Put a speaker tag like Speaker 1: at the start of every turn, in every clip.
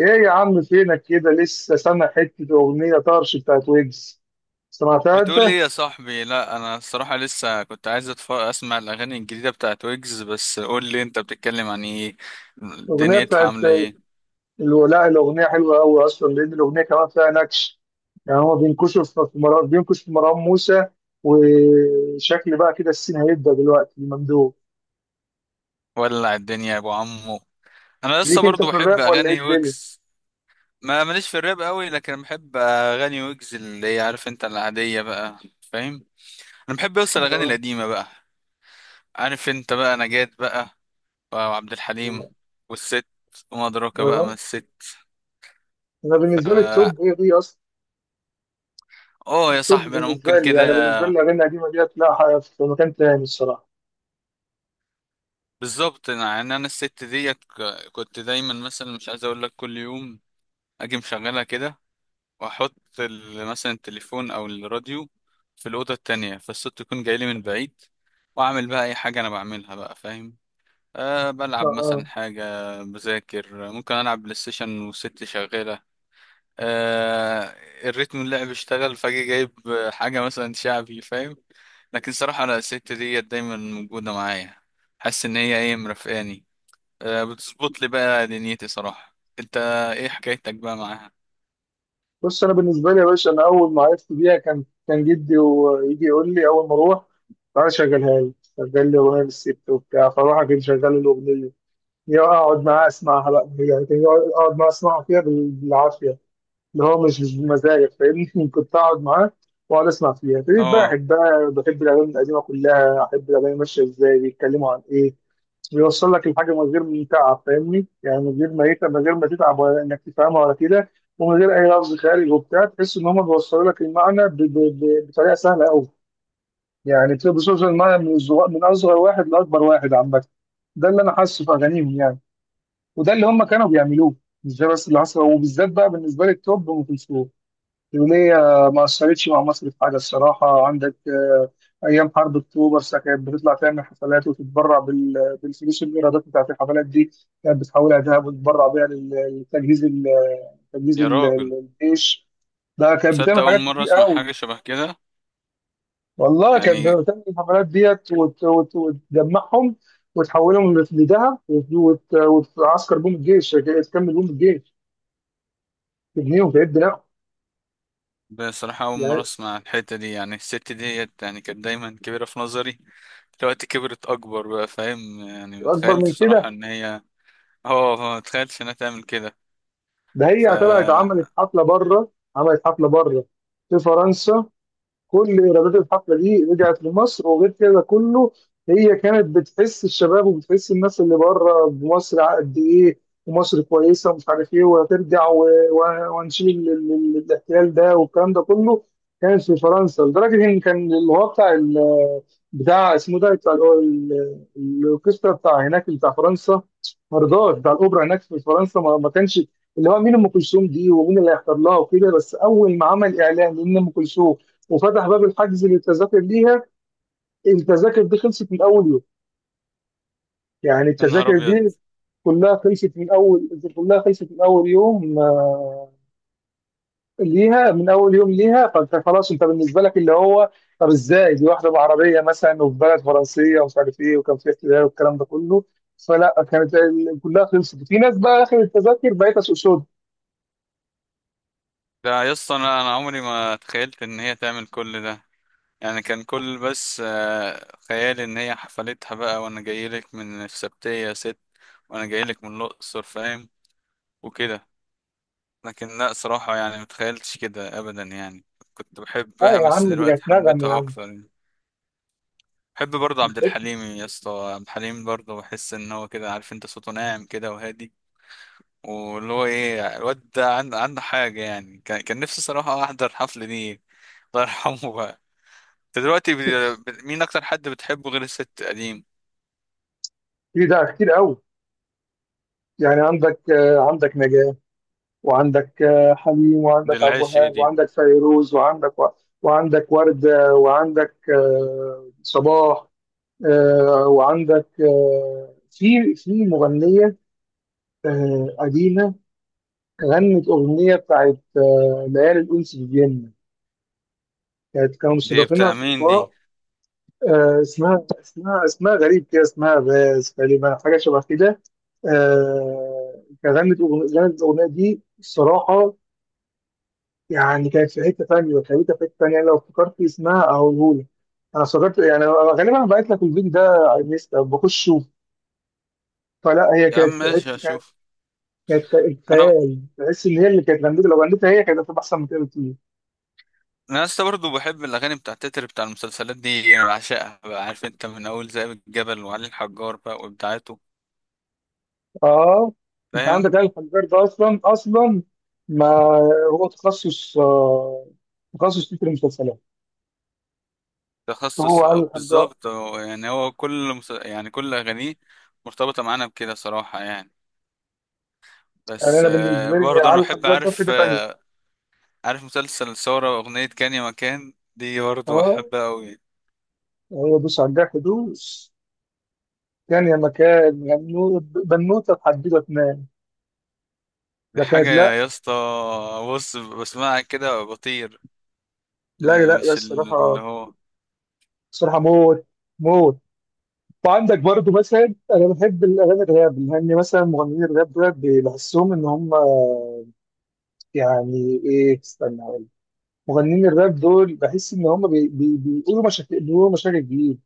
Speaker 1: ايه يا عم، فينك كده؟ لسه سامع حته اغنيه طرش بتاعت ويجز؟ سمعتها انت؟
Speaker 2: بتقول ايه يا صاحبي؟ لا، انا الصراحه لسه كنت عايز اسمع الاغاني الجديده بتاعت ويجز. بس قول لي، انت بتتكلم عن ايه؟
Speaker 1: الاغنيه
Speaker 2: دنيتها
Speaker 1: بتاعت
Speaker 2: عامله ايه؟
Speaker 1: لا، الاغنيه حلوه قوي اصلا، لان الاغنيه كمان فيها نكش. يعني هو بينكش في مروان موسى. وشكل بقى كده، السين هيبدا دلوقتي الممدوح.
Speaker 2: ولع الدنيا يا ابو عمو. انا لسه
Speaker 1: ليك انت في
Speaker 2: برضو بحب
Speaker 1: الراب ولا ايه
Speaker 2: اغاني
Speaker 1: الدنيا؟
Speaker 2: ويجز. ما ماليش في الراب قوي، لكن بحب اغاني ويجز اللي هي، عارف انت، العاديه بقى، فاهم. انا بحب اوصل الاغاني
Speaker 1: اه،
Speaker 2: القديمه بقى، عارف انت بقى، نجاة بقى، وعبد
Speaker 1: اه.
Speaker 2: الحليم، والست، وما ادراك بقى ما
Speaker 1: آه.
Speaker 2: الست.
Speaker 1: انا بالنسبه لي التوب
Speaker 2: ف
Speaker 1: هي دي اصلا.
Speaker 2: اه يا
Speaker 1: التوب
Speaker 2: صاحبي انا ممكن
Speaker 1: بالنسبه لي، يعني
Speaker 2: كده.
Speaker 1: بالنسبه لي الاغاني القديمه ديت، لا في مكان تاني الصراحه.
Speaker 2: بالظبط، يعني انا الست ديت كنت دايما مثلا مش عايز اقول لك، كل يوم اجي مشغلها كده، واحط مثلا التليفون او الراديو في الاوضه التانية، فالصوت يكون جاي لي من بعيد، واعمل بقى اي حاجه انا بعملها بقى، فاهم.
Speaker 1: اه.
Speaker 2: بلعب مثلا
Speaker 1: آه.
Speaker 2: حاجه، بذاكر، ممكن العب بلاي ستيشن والست شغاله. أه الريتم اللعب اشتغل، فاجي جايب حاجه مثلا شعبي، فاهم. لكن صراحه انا الست ديت دايما موجوده معايا، حاسس ان هي ايه، مرافقاني. بتظبط لي بقى دنيتي صراحة. انت ايه حكايتك بقى معاها؟
Speaker 1: بص، انا بالنسبه لي يا باشا، انا اول ما عرفت بيها كان جدي، ويجي يقول لي: اول ما اروح تعالى شغل لي اغنيه للست وبتاع. فاروح اجيب شغال الاغنيه، يا اقعد معاه اسمعها بقى. يعني كان اقعد معاه اسمعها فيها بالعافيه، اللي هو مش بمزاجك، فاهمني. كنت اقعد معاه واقعد اسمع فيها، ابتديت بقى
Speaker 2: اه
Speaker 1: احب بقى بحب الاغاني القديمه كلها، احب الاغاني ماشيه ازاي، بيتكلموا عن ايه. بيوصل لك الحاجه من غير ما تتعب، فاهمني؟ يعني من غير ما تتعب ولا انك تفهمها ولا كده. ومن غير اي لفظ خارج وبتاع، تحس ان هم بيوصلوا لك المعنى بطريقه سهله قوي. يعني بتبقى بتوصل المعنى من اصغر واحد لاكبر واحد عامه. ده اللي انا حاسه في اغانيهم يعني. وده اللي هم كانوا بيعملوه. مش ده بس اللي حصل، وبالذات بقى بالنسبه لي التوب ام كلثوم، اليومية ما أثرتش مع مصر في حاجة الصراحة؟ عندك أيام حرب أكتوبر، كانت بتطلع تعمل حفلات وتتبرع بالفلوس، الإيرادات بتاعت الحفلات دي كانت بتحولها ذهب، وتتبرع بيها لتجهيز
Speaker 2: يا راجل،
Speaker 1: الجيش. ده كانت
Speaker 2: تصدق
Speaker 1: بتعمل
Speaker 2: اول
Speaker 1: حاجات
Speaker 2: مرة
Speaker 1: كتير
Speaker 2: اسمع
Speaker 1: أوي.
Speaker 2: حاجة شبه كده.
Speaker 1: والله كانت
Speaker 2: يعني
Speaker 1: بتعمل الحفلات ديت، وتجمعهم، وتحولهم لذهب، وتعسكر بيهم الجيش، تكمل بيهم الجيش، تبنيهم، تعد، لا.
Speaker 2: بصراحة اول مرة
Speaker 1: يعني
Speaker 2: اسمع الحتة دي، يعني الست ديت يعني كانت دايما كبيرة في نظري، دلوقتي كبرت اكبر بقى، فاهم يعني،
Speaker 1: أكبر
Speaker 2: متخيلتش
Speaker 1: من
Speaker 2: بصراحة
Speaker 1: كده.
Speaker 2: ان هي... اه، متخيلتش انها تعمل كده.
Speaker 1: ده
Speaker 2: ف
Speaker 1: هي طلعت عملت حفله بره في فرنسا. كل ايرادات الحفله دي رجعت لمصر، وغير كده كله. هي كانت بتحس الشباب، وبتحس الناس اللي بره بمصر قد ايه، ومصر كويسه ومش عارف ايه، وهترجع وهنشيل الاحتلال ده والكلام ده كله. كانت في فرنسا لدرجه ان كان اللي هو بتاع اسمه ده بتاع الاوركسترا بتاع هناك بتاع فرنسا، مرضاش. بتاع الاوبرا هناك في فرنسا ما كانش اللي هو مين ام كلثوم دي ومين اللي هيحضر لها وكده. بس اول ما عمل اعلان ان ام كلثوم وفتح باب الحجز للتذاكر ليها، التذاكر دي خلصت من اول يوم. يعني
Speaker 2: يا نهار
Speaker 1: التذاكر
Speaker 2: ابيض.
Speaker 1: دي كلها خلصت من اول يوم، ليها من اول يوم ليها. فانت خلاص، انت بالنسبه لك اللي هو، طب ازاي دي واحده بعربيه مثلا، وفي بلد فرنسيه ومش عارف ايه، وكان في احتلال والكلام ده كله. فلا كلها خلصت، في ناس بقى اخر التذاكر بقيت اسوق سود.
Speaker 2: ده يا اسطى انا عمري ما تخيلت ان هي تعمل كل ده. يعني كان كل، بس خيالي ان هي حفلتها بقى، وانا جايلك من السبتية يا ست، وانا جايلك من الاقصر، فاهم، وكده. لكن لا، صراحة يعني متخيلتش كده ابدا يعني. كنت
Speaker 1: اه
Speaker 2: بحبها،
Speaker 1: يا
Speaker 2: بس
Speaker 1: عم، دي
Speaker 2: دلوقتي
Speaker 1: كانت نغم يا
Speaker 2: حبيتها
Speaker 1: عم.
Speaker 2: اكتر يعني. بحب برضه عبد الحليم يا اسطى. عبد الحليم برضه بحس ان هو كده، عارف انت، صوته ناعم كده وهادي، واللي هو ايه، الواد ده عنده حاجة. يعني كان نفسي صراحة احضر الحفلة دي، الله يرحمه بقى. انت دلوقتي مين اكتر حد بتحبه غير الست قديم؟
Speaker 1: في ده كتير قوي، يعني عندك عندك نجاة، وعندك حليم،
Speaker 2: دي
Speaker 1: وعندك عبد
Speaker 2: العيش ايه
Speaker 1: الوهاب،
Speaker 2: دي!
Speaker 1: وعندك فيروز، وعندك وعندك وردة، وعندك صباح، وعندك في مغنية قديمة، غنت أغنية بتاعت ليالي الأنس في فيينا. كانوا
Speaker 2: دي بتاع
Speaker 1: مستضيفينها في
Speaker 2: مين دي؟
Speaker 1: لقاء. اسمها غريب كده، اسمها باز تقريبا، حاجة شبه كده. كانت غنت الأغنية دي الصراحة. يعني كانت في حته ثانيه وخليتها في حته ثانيه. لو افتكرت اسمها اقولهولك. انا افتكرت يعني. أنا غالبا بعت لك الفيديو ده على الانستا، بخش شوف. فلا هي
Speaker 2: يا عم
Speaker 1: كانت في
Speaker 2: ماشي،
Speaker 1: حته، كانت
Speaker 2: اشوف.
Speaker 1: كانت
Speaker 2: انا
Speaker 1: خيال. تحس ان هي اللي كانت غنيتها، لو غنيتها هي كانت هتبقى احسن من كده بكتير.
Speaker 2: انا لسه برضه بحب الاغاني بتاع التتر، بتاع المسلسلات دي انا بعشقها بقى، عارف انت، من اول ذئاب الجبل وعلي الحجار بقى وابداعاته،
Speaker 1: اه، انت
Speaker 2: فاهم.
Speaker 1: عندك آل الحجار ده اصلا اصلا. ما هو تخصص تخصص في المسلسلات، هو
Speaker 2: تخصص،
Speaker 1: علي الحجار.
Speaker 2: بالظبط، يعني هو كل يعني كل اغانيه مرتبطه معانا بكده صراحه يعني.
Speaker 1: يعني
Speaker 2: بس
Speaker 1: انا بالنسبه لي
Speaker 2: برضه انا
Speaker 1: علي
Speaker 2: بحب،
Speaker 1: الحجار ده في
Speaker 2: عارف،
Speaker 1: حته ثانيه.
Speaker 2: عارف مسلسل ثوره، واغنيه كان يا مكان، دي برضه
Speaker 1: اه،
Speaker 2: بحبها قوي.
Speaker 1: هو بص على الجرح دوس. كان يا مكان، يا بنوته تحديدا تنام.
Speaker 2: دي
Speaker 1: ده
Speaker 2: حاجه
Speaker 1: كانت، لا،
Speaker 2: يا اسطى، بص بسمعها كده بطير.
Speaker 1: لا، لا، لا
Speaker 2: مش اللي
Speaker 1: الصراحه
Speaker 2: هو،
Speaker 1: الصراحه موت موت. وعندك برضو مثلا انا بحب الاغاني الراب، لان مثلا مغنيين الراب دول بحسهم ان هم، يعني ايه، استنى أقول. مغنيين الراب دول بحس ان هم بي بي بيقولوا مشاكل جديده،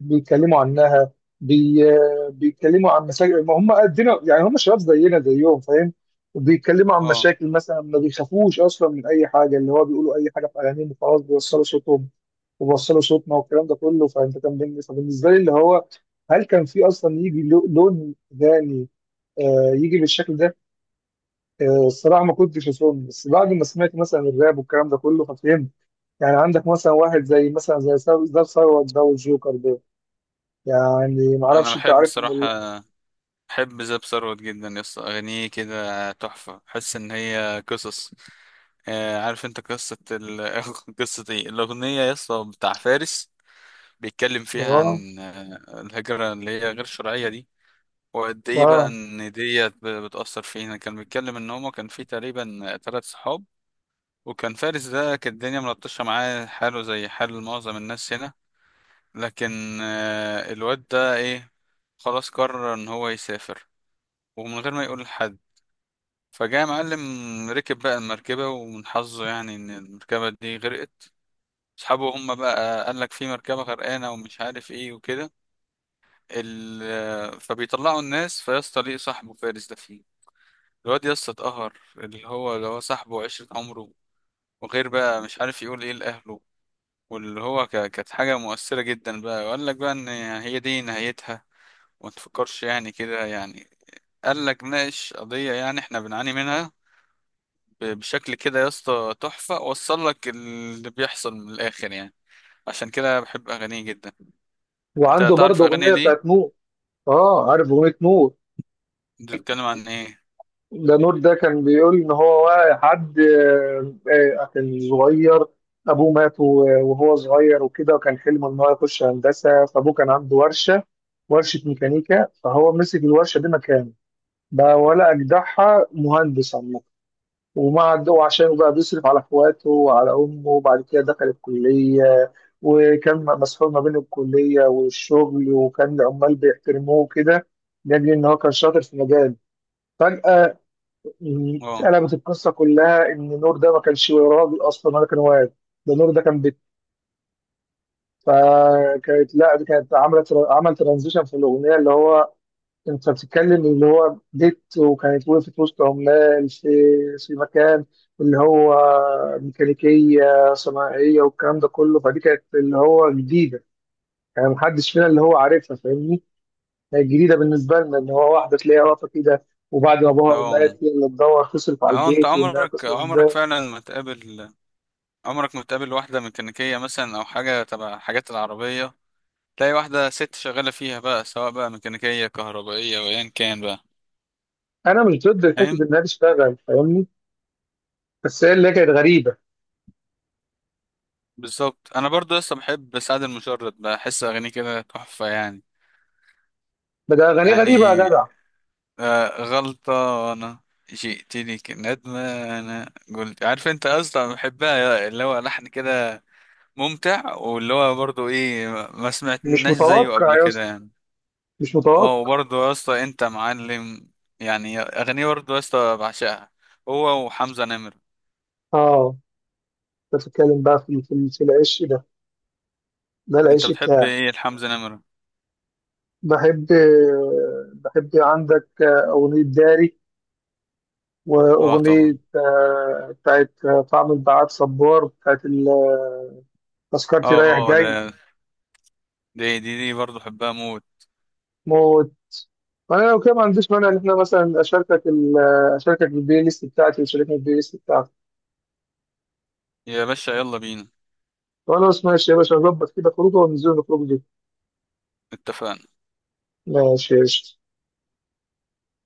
Speaker 1: بيتكلموا عنها، بي... بيتكلموا عن مشاكل ما هم قدنا، يعني هم شباب زينا زيهم، فاهم. بيتكلموا عن
Speaker 2: اه،
Speaker 1: مشاكل مثلا، ما بيخافوش اصلا من اي حاجه، اللي هو بيقولوا اي حاجه في اغانيهم وخلاص، بيوصلوا صوتهم وبيوصلوا صوتنا والكلام ده كله. فانت كان فبالنسبه لي اللي هو، هل كان في اصلا يجي لون اغاني يجي بالشكل ده؟ الصراحه ما كنتش اظن، بس بعد ما سمعت مثلا الراب والكلام ده كله ففهمت. يعني عندك مثلا واحد زي مثلا زي ثروت ده، وثروت ده، والجوكر. يعني ما
Speaker 2: انا
Speaker 1: اعرفش، انت
Speaker 2: بحب
Speaker 1: عارفهم ولا لا.
Speaker 2: بصراحة، بحب زاب ثروت جدا، يس اغانيه كده تحفة، بحس ان هي قصص. عارف انت قصة قصة ايه الاغنية، يس، بتاع فارس. بيتكلم فيها
Speaker 1: اه،
Speaker 2: عن الهجرة اللي هي غير شرعية دي، وقد ايه بقى
Speaker 1: اه.
Speaker 2: ان ديت بتأثر فينا. كان بيتكلم ان هما كان في تقريبا ثلاث صحاب، وكان فارس ده كانت الدنيا ملطشة معاه، حاله زي حال معظم الناس هنا. لكن الواد ده ايه، خلاص قرر ان هو يسافر، ومن غير ما يقول لحد، فجاء معلم، ركب بقى المركبة، ومن حظه يعني ان المركبة دي غرقت. اصحابه هم بقى قال لك في مركبة غرقانة ومش عارف ايه وكده فبيطلعوا الناس، فيسطا ليه صاحبه فارس ده فيه. الواد يسطا اتقهر، اللي هو صاحبه وعشرة عمره، وغير بقى مش عارف يقول ايه لأهله، واللي هو كانت حاجة مؤثرة جدا بقى. وقال لك بقى ان هي دي نهايتها، وما تفكرش يعني كده يعني. قال لك، ناقش قضية يعني احنا بنعاني منها بشكل كده يا اسطى تحفة، وصل لك اللي بيحصل من الآخر يعني. عشان كده بحب أغانيه جدا. انت
Speaker 1: وعنده
Speaker 2: تعرف
Speaker 1: برضه
Speaker 2: أغاني
Speaker 1: اغنيه
Speaker 2: ليه؟
Speaker 1: بتاعت نور. اه، عارف اغنيه نور.
Speaker 2: انت بتتكلم عن ايه؟
Speaker 1: ده نور ده كان بيقول ان هو واقع حد، كان صغير، ابوه مات وهو صغير وكده، وكان حلمه ان هو يخش هندسه، فابوه كان عنده ورشه، ورشه ميكانيكا. فهو مسك الورشه دي مكانه، بقى ولا اجدعها مهندس عامه. وما عنده، وعشان بقى بيصرف على اخواته وعلى امه، وبعد كده دخل الكليه، وكان مسحول ما بين الكليه والشغل، وكان العمال بيحترموه كده، لاجل ان هو كان شاطر في مجال. فجاه
Speaker 2: اه،
Speaker 1: اتقلبت القصه كلها، ان نور ده ما كانش راجل اصلا ولا كان واد. ده نور ده كان فكانت، لا دي كانت عملت عمل ترانزيشن في الاغنيه، اللي هو انت بتتكلم اللي هو ديت، وكانت وقفت وسط عمال في مكان، اللي هو ميكانيكيه صناعيه والكلام ده كله. فدي كانت اللي هو جديده، يعني محدش فينا اللي هو عارفها فاهمني. هي جديده بالنسبه لنا، اللي هو واحده تلاقيها واقفه كده، وبعد ما ابوها
Speaker 2: اه،
Speaker 1: مات هي اللي تدور تصرف على
Speaker 2: اه، انت
Speaker 1: البيت، وانها
Speaker 2: عمرك
Speaker 1: تصرف
Speaker 2: عمرك
Speaker 1: ازاي.
Speaker 2: فعلا ما تقابل، عمرك ما تقابل واحدة ميكانيكية مثلا، أو حاجة تبع حاجات العربية، تلاقي واحدة ست شغالة فيها بقى، سواء بقى ميكانيكية، كهربائية، وأيا كان بقى،
Speaker 1: انا مش ضد حته
Speaker 2: فاهم؟
Speaker 1: انها تشتغل فاهمني، بس هي اللي كانت غريبه.
Speaker 2: بالظبط. أنا برضو لسه بحب سعد المجرد، بحس أغانيه كده تحفة يعني.
Speaker 1: بدأ اغانيه غريبه يا
Speaker 2: يعني
Speaker 1: جدع.
Speaker 2: غلطة، أنا، جئتني كندمة، أنا قلت، عارف أنت أصلا بحبها، اللي هو لحن كده ممتع، واللي هو برضو إيه، ما
Speaker 1: مش
Speaker 2: سمعتناش زيه
Speaker 1: متوقع
Speaker 2: قبل
Speaker 1: يا
Speaker 2: كده
Speaker 1: اسطى،
Speaker 2: يعني.
Speaker 1: مش
Speaker 2: أه،
Speaker 1: متوقع.
Speaker 2: وبرضو يا اسطى أنت معلم، يعني أغنية برضو يا اسطى بعشقها، هو وحمزة نمرة.
Speaker 1: اه، بتتكلم بقى في العش ده
Speaker 2: أنت
Speaker 1: العش
Speaker 2: بتحب
Speaker 1: بتاعي.
Speaker 2: إيه لحمزة نمرة؟
Speaker 1: بحب بحب. عندك أغنية داري،
Speaker 2: أه
Speaker 1: وأغنية
Speaker 2: طبعا.
Speaker 1: بتاعت طعم البعاد، صبار، بتاعت تذكرتي رايح
Speaker 2: أه، أه،
Speaker 1: جاي.
Speaker 2: ده دي برضو بحبها موت.
Speaker 1: موت. فأنا لو كده ما عنديش مانع إن إحنا مثلا أشاركك بالبلاي ليست بتاعتي وتشاركني بالبلاي ليست بتاعتك.
Speaker 2: يا باشا يلا بينا.
Speaker 1: خلاص، ماشي يا باشا، نظبط كده خروجه وننزل نخرج دي.
Speaker 2: اتفقنا.
Speaker 1: ماشي يا قشطة.